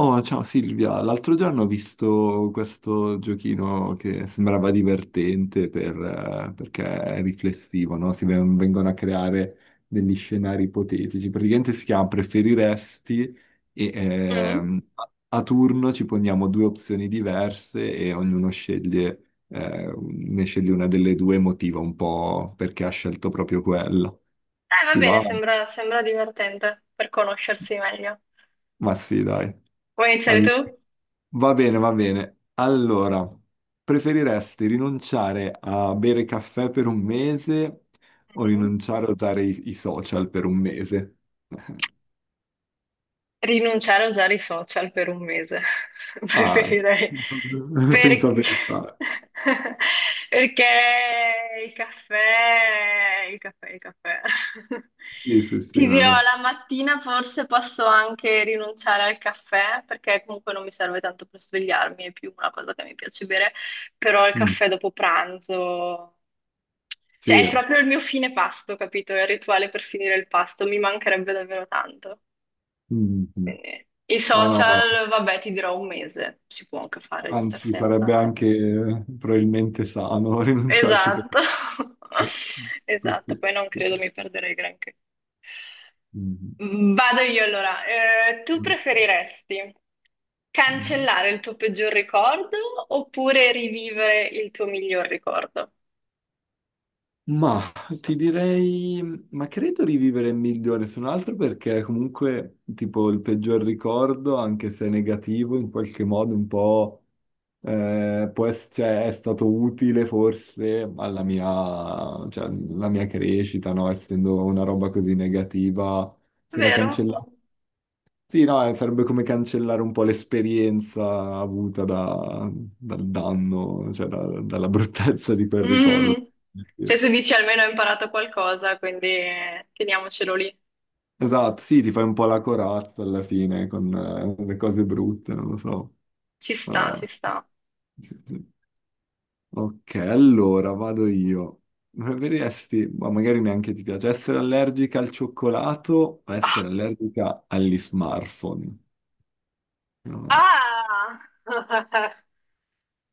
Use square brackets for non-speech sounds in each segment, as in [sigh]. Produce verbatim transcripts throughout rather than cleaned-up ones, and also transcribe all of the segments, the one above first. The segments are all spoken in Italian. Oh, ciao Silvia, l'altro giorno ho visto questo giochino che sembrava divertente per, eh, perché è riflessivo, no? Si ven- vengono a creare degli scenari ipotetici. Praticamente si chiama Preferiresti e Mm. ehm, a a turno ci poniamo due opzioni diverse e ognuno sceglie, eh, ne sceglie una delle due, motiva un po' perché ha scelto proprio quella. Eh, va Ti bene, va? sembra, sembra divertente per conoscersi meglio. Ma sì, dai. Vuoi iniziare tu? Va bene, va bene. Allora, preferiresti rinunciare a bere caffè per un mese o Mm. rinunciare a usare i, i social per un mese? [laughs] Rinunciare a usare i social per un mese, [laughs] Ah, preferirei. [laughs] senza Perché... pensare. [laughs] Perché il caffè, il caffè, il caffè. [laughs] Sì, sì, sì. Ti No, dirò, no. la mattina forse posso anche rinunciare al caffè, perché comunque non mi serve tanto per svegliarmi, è più una cosa che mi piace bere, però il Mm. caffè dopo pranzo. Cioè, Sì. è proprio il mio fine pasto, capito? È il rituale per finire il pasto, mi mancherebbe davvero tanto. Mm, mm. Quindi, i No, no, eh, social, vabbè, ti dirò un mese, si può anche fare di star anzi, senza, sarebbe no? anche eh, probabilmente sano [laughs] rinunciarci per... Esatto, [laughs] esatto, poi non credo mi perderei granché. Mm, Vado io allora. Eh, tu mm, ok. preferiresti Mm. cancellare il tuo peggior ricordo oppure rivivere il tuo miglior ricordo? Ma ti direi, ma credo rivivere è migliore se non altro perché comunque tipo il peggior ricordo, anche se negativo, in qualche modo un po' eh, può ess- cioè, è stato utile forse alla mia, cioè, alla mia crescita, no? Essendo una roba così negativa, se la Vero? cancella... Sì, no, eh, sarebbe come cancellare un po' l'esperienza avuta da- dal danno, cioè da- dalla [laughs] bruttezza [laughs] di quel Mm. ricordo. Cioè, tu dici almeno ho imparato qualcosa, quindi eh, teniamocelo lì. Esatto, sì, ti fai un po' la corazza alla fine con eh, le cose brutte, non lo so. Ci sta, Ah, ci sta. sì, sì. Ok, allora vado io. Preferiresti, ma magari neanche ti piace, essere allergica al cioccolato o Ah. essere allergica agli smartphone? No. Ah! [laughs]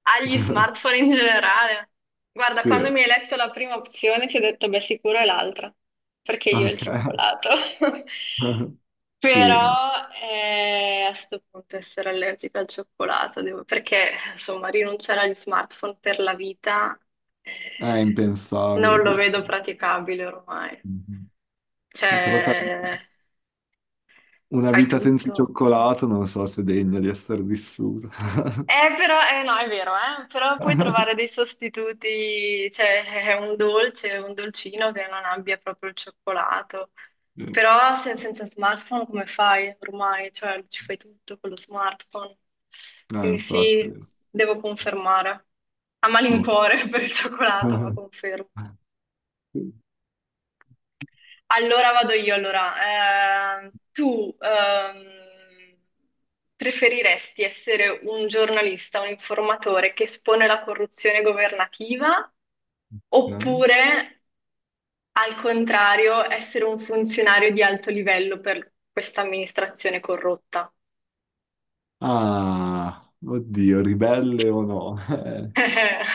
Agli smartphone [laughs] in generale. Guarda, Sì, quando mi hai letto la prima opzione ti ho detto, beh, sicuro è l'altra, perché io il ok. cioccolato. [laughs] [laughs] Sì, Però eh, a sto punto essere allergica al cioccolato, devo- perché insomma rinunciare agli smartphone per la vita eh, è impensabile non lo purtroppo. vedo praticabile ormai. Mhm. Sì, però sarebbe Cioè, una fai vita senza tutto. cioccolato non so se è degna di essere vissuta. Eh, però, eh, no, è vero, eh, però puoi trovare [laughs] dei sostituti, cioè è un dolce, un dolcino che non abbia proprio il cioccolato. Sì. Però se- senza smartphone come fai ormai? Cioè ci fai tutto con lo smartphone. No, Quindi sì, infatti. devo confermare. A Ok. malincuore [laughs] per il cioccolato, ma [laughs] confermo. Allora vado io, allora. Ehm, tu ehm, preferiresti essere un giornalista, un informatore che espone la corruzione governativa Ok. oppure, al contrario, essere un funzionario di alto livello per questa amministrazione corrotta? Ah, oddio, ribelle o no? [laughs] Eh, [laughs]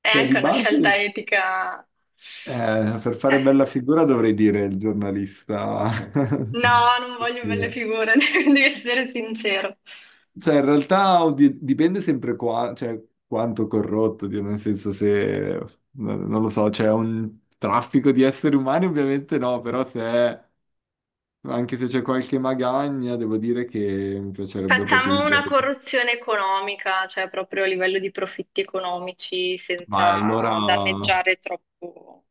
È cioè, di anche una scelta base, etica. eh, per fare Eh, bella figura dovrei dire il giornalista. [laughs] No, non voglio belle figure, [laughs] devi essere sincero. Cioè, in realtà oddio, dipende sempre qua, cioè, quanto corrotto, oddio, nel senso se, no- non lo so, c'è un traffico di esseri umani, ovviamente no, però se è- anche se c'è qualche magagna, devo dire che mi piacerebbe proprio Facciamo una evitare. corruzione economica, cioè proprio a livello di profitti economici, Vai, allora, senza danneggiare troppo.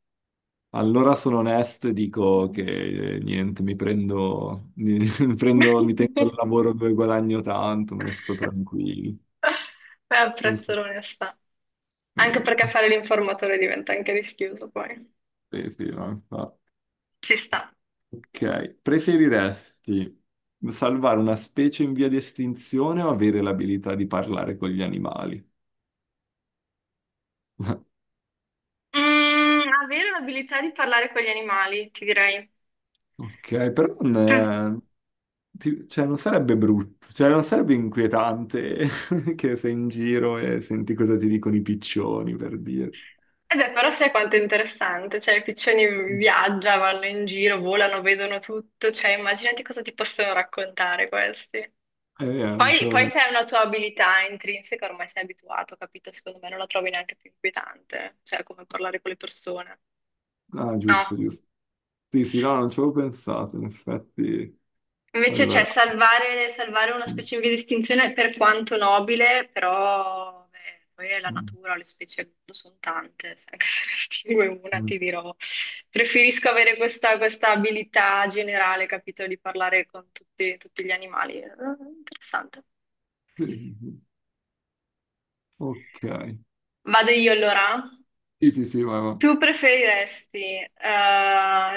allora sono onesto e dico che eh, niente, mi prendo, [laughs] mi, prendo, mi [laughs] tengo il lavoro dove guadagno tanto, me ne sto tranquillo. Beh, Non apprezzo so- l'onestà. Anche perché eh. fare l'informatore diventa anche rischioso poi. Sì, sì, no, infatti. Ci sta. Ok, preferiresti salvare una specie in via di estinzione o avere l'abilità di parlare con gli animali? [laughs] Mm, avere l'abilità di parlare con gli animali, ti direi. Ok, però non, eh, [laughs] ti- cioè, non sarebbe brutto, cioè non sarebbe inquietante [laughs] che sei in giro e senti cosa ti dicono i piccioni, per dire. E beh, però sai quanto è interessante, cioè i piccioni Eh, viaggiano, vanno in giro, volano, vedono tutto, cioè immaginati cosa ti possono raccontare questi. eh, non ci Poi, poi avevo... se è una tua abilità intrinseca, ormai sei abituato, capito? Secondo me non la trovi neanche più inquietante, cioè come parlare con le persone. Ah, giusto, No. giusto. Sì, sì, no, non ci avevo pensato, in effetti. Invece c'è Allora... salvare, salvare una mm, specifica distinzione per quanto nobile, però beh, poi è la mm, natura, le specie al mondo sono tante, se anche se ne distingue una mm, ti dirò, preferisco avere questa, questa abilità generale, capito? Di parlare con tutti, tutti gli animali. Eh, Interessante. sì, sì, sì. Ok. Vado io allora? Sì, sì, sì, vai, vai. Tu preferiresti, eh,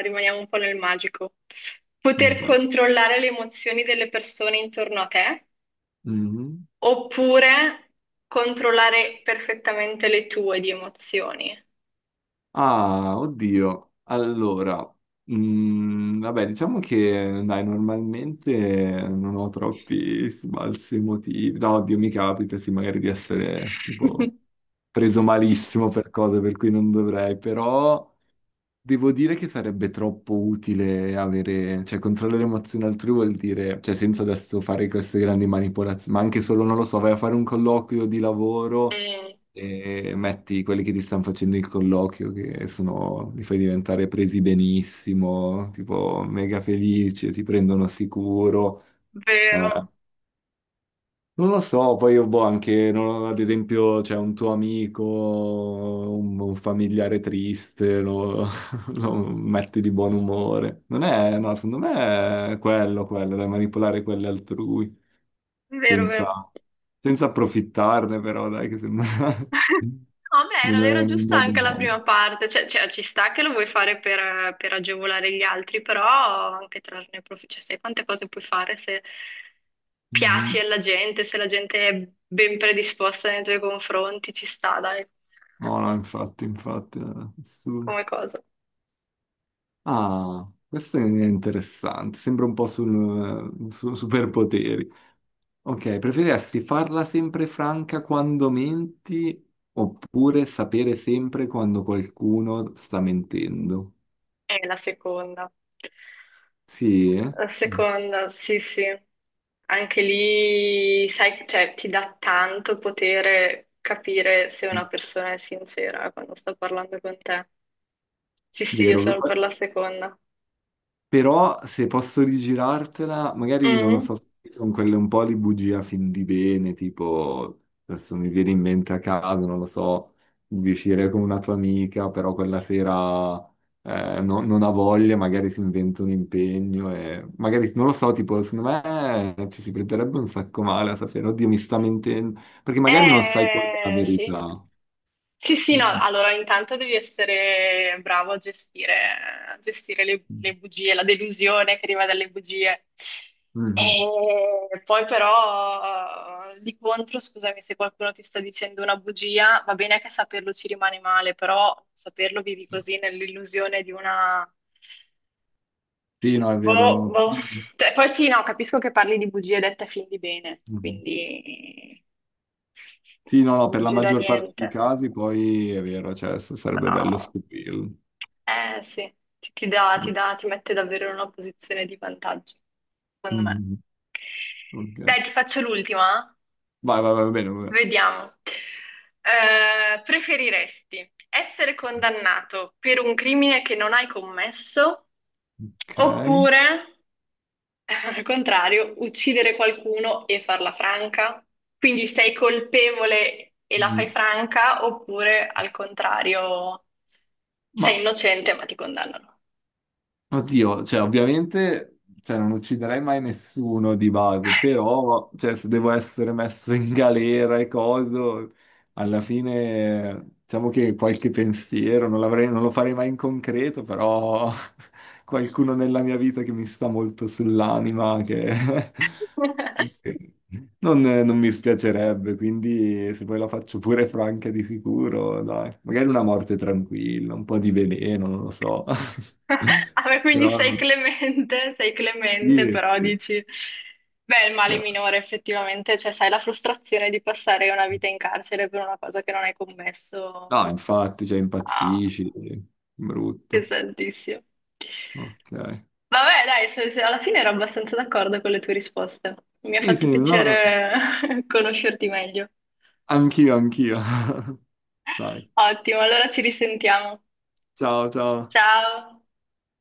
rimaniamo un po' nel magico, poter Ok. controllare le emozioni delle persone intorno a te Mhm. oppure controllare perfettamente le tue di emozioni? Ah, oddio. Allora, mm, vabbè, diciamo che dai, normalmente non ho troppi sbalzi emotivi. No, oddio, mi capita, sì, magari di essere [laughs] tipo preso malissimo per cose per cui non dovrei, però devo dire che sarebbe troppo utile avere, cioè controllare le emozioni altrui vuol dire, cioè senza adesso fare queste grandi manipolazioni, ma anche solo, non lo so, vai a fare un colloquio di lavoro Mm, e metti quelli che ti stanno facendo il colloquio, che sono, li fai diventare presi benissimo, tipo mega felici, ti prendono sicuro. Eh. vero, Non lo so, poi io boh, anche, non- ad esempio, c'è un tuo amico, un, un familiare triste, lo, [laughs] lo metti di buon umore. Non è, no, secondo me è quello, quello, da manipolare quelli altrui, vero, vero. senza, senza approfittarne però, dai, che sembra [laughs] No, beh, nel era, era nel giusta modo anche la no. prima parte, cioè, cioè, ci sta che lo vuoi fare per, per agevolare gli altri, però anche trarne profitto, cioè, sai quante cose puoi fare se piaci Mhm. alla gente, se la gente è ben predisposta nei tuoi confronti, ci sta, dai, No, no, infatti, infatti. eh, su- come cosa. Ah, questo è interessante. Sembra un po' sul, eh, su superpoteri. Ok, preferiresti farla sempre franca quando menti oppure sapere sempre quando qualcuno sta mentendo? È la seconda. Sì, eh? La Mm. seconda, sì, sì. Anche lì, sai, cioè, ti dà tanto potere capire se una persona è sincera quando sta parlando con te. Sì, sì, io Vero. sono per la seconda. Però se posso rigirartela, magari non lo Mm. so, sono quelle un po' di bugia fin di bene, tipo adesso mi viene in mente a caso, non lo so, di uscire con una tua amica, però quella sera eh, no- non ha voglia, magari si inventa un impegno e magari non lo so, tipo secondo me eh, ci si prenderebbe un sacco male a sapere, oddio, mi sta mentendo, perché magari non sai qual è la Eh, sì. verità. Sì, sì, no, Mhm. allora intanto devi essere bravo a gestire, a gestire le, le bugie, la delusione che arriva dalle bugie. E poi però, eh, di contro, scusami, se qualcuno ti sta dicendo una bugia, va bene che saperlo ci rimane male, però saperlo vivi così nell'illusione di una... Sì, no, è Boh, vero. boh. Cioè, poi sì, no, capisco che parli di bugie dette a fin di bene, Mhm. quindi Sì, no, no, per la bugie da maggior parte niente, dei casi poi è vero, cioè s- sarebbe bello però... scoprirlo. Eh sì, ti, ti dà, ti dà, ti mette davvero in una posizione di vantaggio, secondo me. Mm, ok. Dai, ti faccio l'ultima? Eh? Vai, vai, vai, va bene, va bene. Vediamo. Eh, preferiresti essere condannato per un crimine che non hai commesso Ok. oppure, eh, al contrario, uccidere qualcuno e farla franca? Quindi sei colpevole e la fai Mm. franca oppure, al contrario, Ma, sei innocente ma ti condannano? oddio, cioè ovviamente cioè, non ucciderei mai nessuno di base, però cioè, se devo essere messo in galera e coso, alla fine diciamo che qualche pensiero, non l'avrei- non lo farei mai in concreto, però [laughs] qualcuno nella mia vita che mi sta molto sull'anima, che [laughs] [laughs] che non, non mi spiacerebbe, quindi se poi la faccio pure franca di sicuro, dai, magari una morte tranquilla, un po' di veleno, non lo so. [laughs] Vabbè, quindi Però sei clemente, sei clemente, sì, però sì, dici, beh, il male cioè, minore effettivamente, cioè sai la frustrazione di passare una vita in carcere per una cosa che non hai commesso, no, infatti, cioè, ah, impazzisci, brutto. pesantissimo. Ok. Vabbè, dai, se- se- alla fine ero abbastanza d'accordo con le tue risposte. Mi ha Sì, fatto sì, no. piacere [laughs] conoscerti meglio. Anch'io, anch'io. [laughs] Dai, Ottimo, allora ci risentiamo. ciao, ciao. Ciao!